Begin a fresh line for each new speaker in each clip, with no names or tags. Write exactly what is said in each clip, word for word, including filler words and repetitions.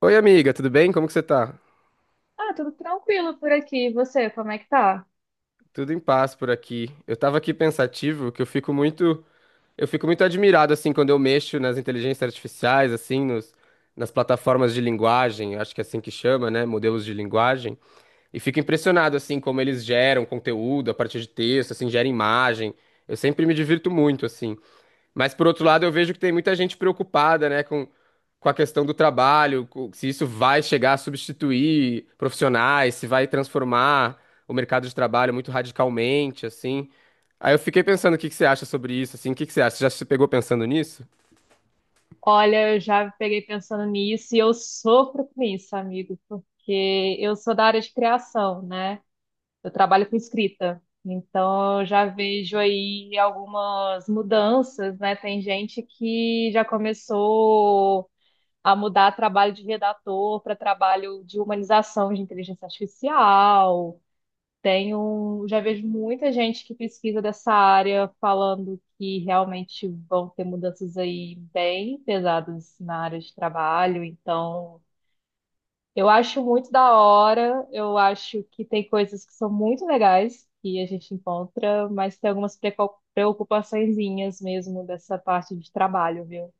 Oi, amiga, tudo bem? Como que você tá?
Ah, tudo tranquilo por aqui. E você, como é que tá?
Tudo em paz por aqui. Eu tava aqui pensativo, que eu fico muito, eu fico muito admirado assim quando eu mexo nas inteligências artificiais, assim, nos, nas plataformas de linguagem, acho que é assim que chama, né, modelos de linguagem, e fico impressionado assim como eles geram conteúdo a partir de texto, assim, gera imagem. Eu sempre me divirto muito assim. Mas por outro lado, eu vejo que tem muita gente preocupada, né, com, com a questão do trabalho, co- se isso vai chegar a substituir profissionais, se vai transformar o mercado de trabalho muito radicalmente, assim. Aí eu fiquei pensando, o que que você acha sobre isso, assim? O que que você acha? Você já se pegou pensando nisso?
Olha, eu já peguei pensando nisso e eu sofro com isso, amigo, porque eu sou da área de criação, né? Eu trabalho com escrita. Então, eu já vejo aí algumas mudanças, né? Tem gente que já começou a mudar trabalho de redator para trabalho de humanização de inteligência artificial. Tenho, já vejo muita gente que pesquisa dessa área falando que realmente vão ter mudanças aí bem pesadas na área de trabalho. Então, eu acho muito da hora. Eu acho que tem coisas que são muito legais que a gente encontra, mas tem algumas precau- preocupaçõezinhas mesmo dessa parte de trabalho, viu?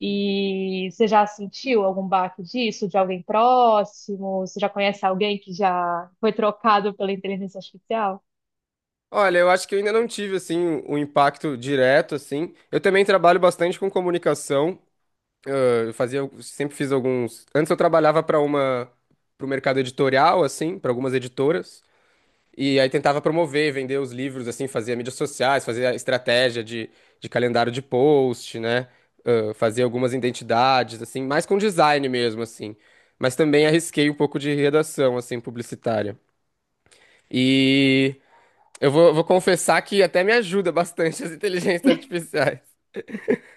E você já sentiu algum baque disso, de alguém próximo? Você já conhece alguém que já foi trocado pela inteligência artificial?
Olha, eu acho que eu ainda não tive, assim, um impacto direto, assim. Eu também trabalho bastante com comunicação. ãh, Eu fazia, sempre fiz alguns... Antes eu trabalhava para uma... para o mercado editorial, assim, para algumas editoras. E aí tentava promover, vender os livros, assim, fazia mídias sociais, fazia estratégia de, de calendário de post, né? Ah, fazia algumas identidades, assim, mais com design mesmo, assim. Mas também arrisquei um pouco de redação, assim, publicitária. E eu vou, vou confessar que até me ajuda bastante as inteligências artificiais.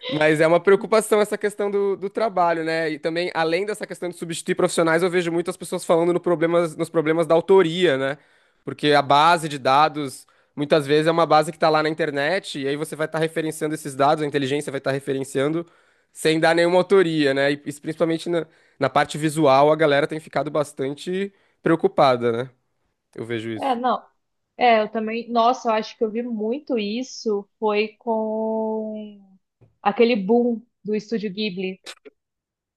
Mas é uma preocupação essa questão do, do trabalho, né? E também, além dessa questão de substituir profissionais, eu vejo muitas pessoas falando no problemas, nos problemas da autoria, né? Porque a base de dados, muitas vezes, é uma base que está lá na internet, e aí você vai estar referenciando esses dados, a inteligência vai estar referenciando sem dar nenhuma autoria, né? E isso principalmente na, na parte visual, a galera tem ficado bastante preocupada, né? Eu vejo
É,
isso.
não. É, eu também. Nossa, eu acho que eu vi muito isso. Foi com aquele boom do Estúdio Ghibli.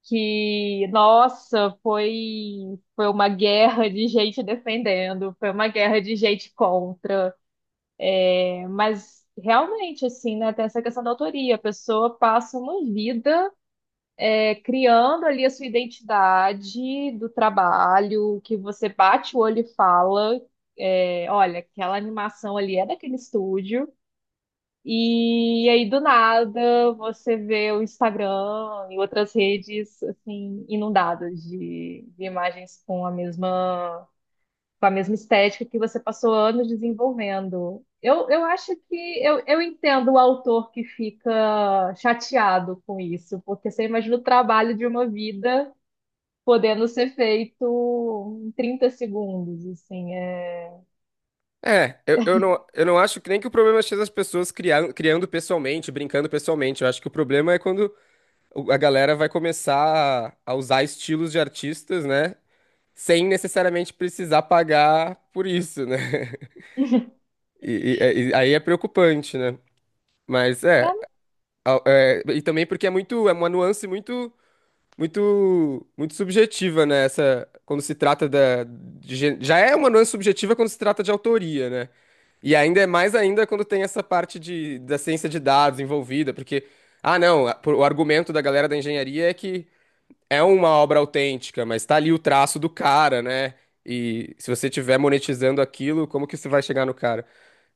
Que, nossa, foi, foi uma guerra de gente defendendo, foi uma guerra de gente contra. É, mas realmente, assim, né? Tem essa questão da autoria. A pessoa passa uma vida. É, criando ali a sua identidade do trabalho, que você bate o olho e fala, é, olha, aquela animação ali é daquele estúdio. E aí, do nada, você vê o Instagram e outras redes assim inundadas de, de imagens com a mesma com a mesma estética que você passou anos desenvolvendo. Eu, eu acho que eu, eu entendo o autor que fica chateado com isso, porque você imagina o trabalho de uma vida podendo ser feito em trinta segundos, assim. É...
É, eu, eu não, eu não acho que nem que o problema seja as pessoas criando, criando pessoalmente, brincando pessoalmente. Eu acho que o problema é quando o- a galera vai começar a usar estilos de artistas, né? Sem necessariamente precisar pagar por isso, né? E, e- é, e aí é preocupante, né? Mas é,
É,
a- é, e também porque é muito, é uma nuance muito, muito, muito subjetiva, né? Essa, quando se trata da, de gê- já é uma nuance subjetiva quando se trata de autoria, né? E ainda é mais ainda quando tem essa parte de, da ciência de dados envolvida, porque, ah, não, a- por- o argumento da galera da engenharia é que é uma obra autêntica, mas tá ali o traço do cara, né? E se você tiver monetizando aquilo, como que você vai chegar no cara?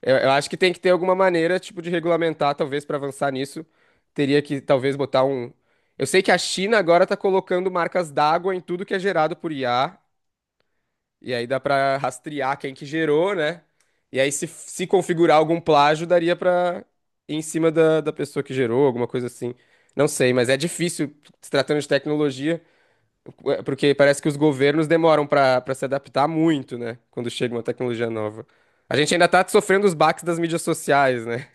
Eu, eu acho que tem que ter alguma maneira, tipo, de regulamentar, talvez, para avançar nisso. Teria que, talvez, botar um. Eu sei que a China agora tá colocando marcas d'água em tudo que é gerado por I A, e aí dá pra rastrear quem que gerou, né? E aí, se, se configurar algum plágio, daria pra ir em cima da, da pessoa que gerou, alguma coisa assim. Não sei, mas é difícil, se tratando de tecnologia. É, porque parece que os governos demoram para para se adaptar muito, né? Quando chega uma tecnologia nova. A gente ainda tá sofrendo os baques das mídias sociais, né?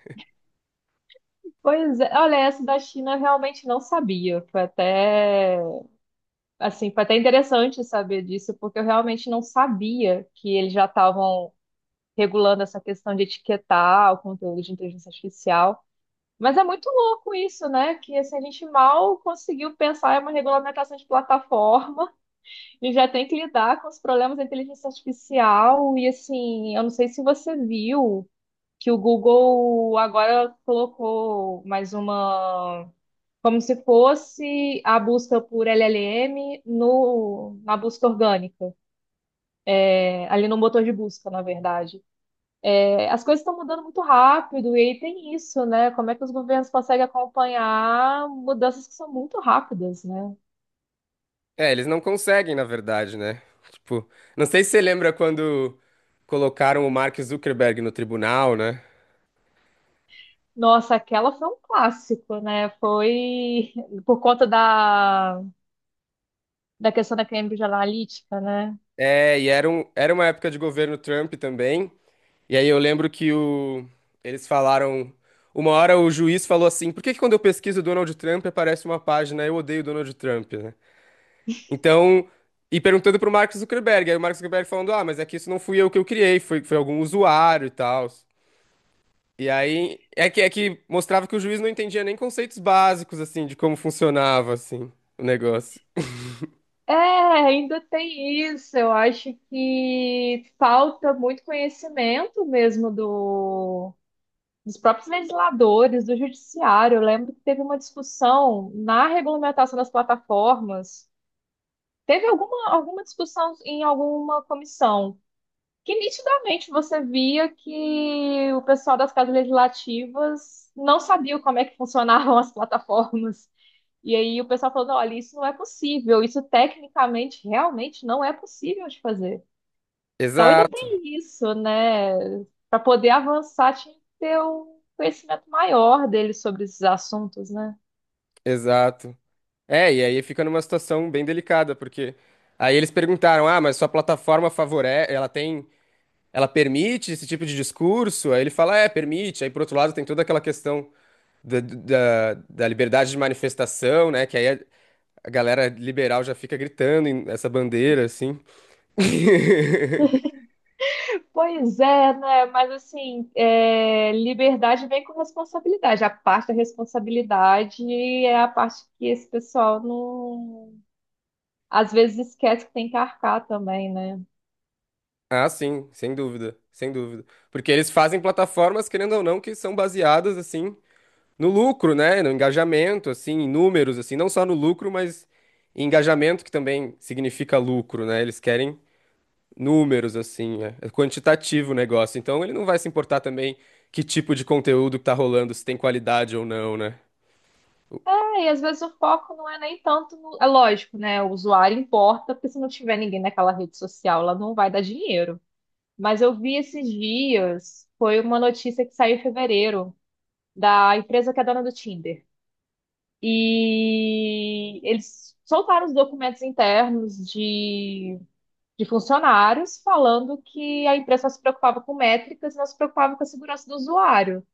pois é, olha, essa da China eu realmente não sabia. Foi até, assim, foi até interessante saber disso, porque eu realmente não sabia que eles já estavam regulando essa questão de etiquetar o conteúdo de inteligência artificial. Mas é muito louco isso, né? Que assim, a gente mal conseguiu pensar em uma regulamentação de plataforma e já tem que lidar com os problemas da inteligência artificial. E assim, eu não sei se você viu que o Google agora colocou mais uma, como se fosse a busca por L L M no, na busca orgânica, é, ali no motor de busca, na verdade. É, as coisas estão mudando muito rápido, e aí tem isso, né? Como é que os governos conseguem acompanhar mudanças que são muito rápidas, né?
É, eles não conseguem, na verdade, né? Tipo, não sei se você lembra quando colocaram o Mark Zuckerberg no tribunal, né?
Nossa, aquela foi um clássico, né? Foi por conta da, da questão da Cambridge Analytica, né?
É, e era, um, era uma época de governo Trump também. E aí eu lembro que o, eles falaram. Uma hora o juiz falou assim: por que que quando eu pesquiso Donald Trump aparece uma página Eu odeio Donald Trump, né? Então, e perguntando pro Mark Zuckerberg, aí o Mark Zuckerberg falando, ah, mas é que isso não fui eu que eu criei, foi, foi algum usuário e tal. E aí, é que, é que mostrava que o juiz não entendia nem conceitos básicos, assim, de como funcionava, assim, o negócio.
É, ainda tem isso. Eu acho que falta muito conhecimento mesmo do, dos próprios legisladores, do judiciário. Eu lembro que teve uma discussão na regulamentação das plataformas. Teve alguma, alguma discussão em alguma comissão que nitidamente você via que o pessoal das casas legislativas não sabia como é que funcionavam as plataformas. E aí o pessoal falando, olha, isso não é possível, isso tecnicamente realmente não é possível de fazer. Então ainda
Exato,
tem isso, né? Para poder avançar, tinha que ter um conhecimento maior deles sobre esses assuntos, né?
exato. É, e aí fica numa situação bem delicada, porque aí eles perguntaram, ah, mas sua plataforma favorece, ela tem, ela permite esse tipo de discurso? Aí ele fala, é, permite. Aí, por outro lado, tem toda aquela questão da, da, da liberdade de manifestação, né? Que aí é, A galera liberal já fica gritando em- essa bandeira, assim.
Pois é, né? Mas assim, é, liberdade vem com responsabilidade. A parte da responsabilidade é a parte que esse pessoal não, às vezes, esquece que tem que arcar também, né?
Ah, sim, sem dúvida, sem dúvida. Porque eles fazem plataformas, querendo ou não, que são baseadas, assim, no lucro, né? No engajamento, assim, em números, assim, não só no lucro, mas em engajamento, que também significa lucro, né? Eles querem números, assim, é é quantitativo o negócio. Então ele não vai se importar também que tipo de conteúdo que tá rolando, se tem qualidade ou não, né?
É, e às vezes o foco não é nem tanto no... É lógico, né? O usuário importa, porque se não tiver ninguém naquela rede social, ela não vai dar dinheiro. Mas eu vi esses dias, foi uma notícia que saiu em fevereiro, da empresa que é dona do Tinder. E eles soltaram os documentos internos de, de funcionários falando que a empresa só se preocupava com métricas e não se preocupava com a segurança do usuário.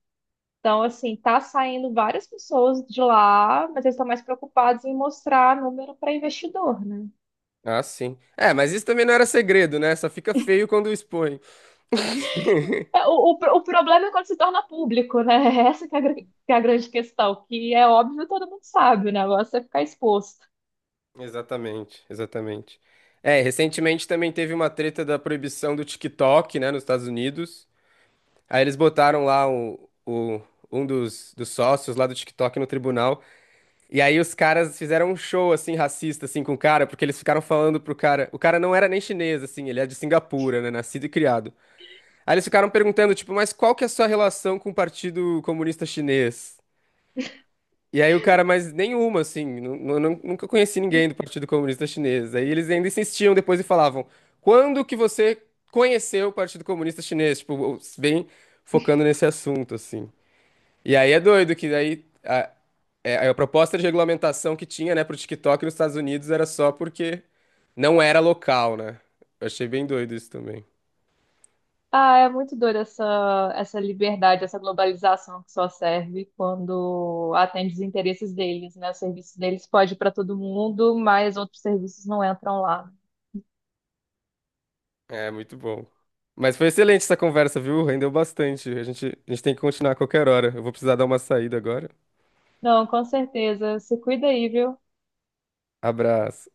Então, assim, tá saindo várias pessoas de lá, mas eles estão mais preocupados em mostrar número para investidor, né?
Ah, sim. É, mas isso também não era segredo, né? Só fica feio quando expõe.
É. O, o, pro- o problema é quando se torna público, né? Essa que é a, gr- que é a grande questão, que é óbvio, todo mundo sabe, né? O negócio é ficar exposto.
Exatamente, exatamente. É, recentemente também teve uma treta da proibição do TikTok, né, nos Estados Unidos. Aí eles botaram lá o, o- um dos, dos sócios lá do TikTok no tribunal. E aí os caras fizeram um show, assim, racista, assim, com o cara, porque eles ficaram falando pro cara... O cara não era nem chinês, assim, ele é de Singapura, né, nascido e criado. Aí eles ficaram perguntando, tipo, mas qual que é a sua relação com o Partido Comunista Chinês? E aí o cara, mas nenhuma, assim, nu- nu- nu- nunca conheci ninguém do Partido Comunista Chinês. Aí eles ainda insistiam depois e falavam, quando que você conheceu o Partido Comunista Chinês? Tipo, o- bem focando nesse assunto, assim. E aí é doido que daí a, é, a proposta de regulamentação que tinha, né, pro TikTok nos Estados Unidos era só porque não era local, né? Eu achei bem doido isso também.
Ah, é muito doida essa, essa liberdade, essa globalização que só serve quando atende os interesses deles, né? O serviço deles pode ir para todo mundo, mas outros serviços não entram lá.
É, muito bom. Mas foi excelente essa conversa, viu? Rendeu bastante. A gente, a gente tem que continuar a qualquer hora. Eu vou precisar dar uma saída agora.
Não, com certeza. Se cuida aí, viu?
Abraço.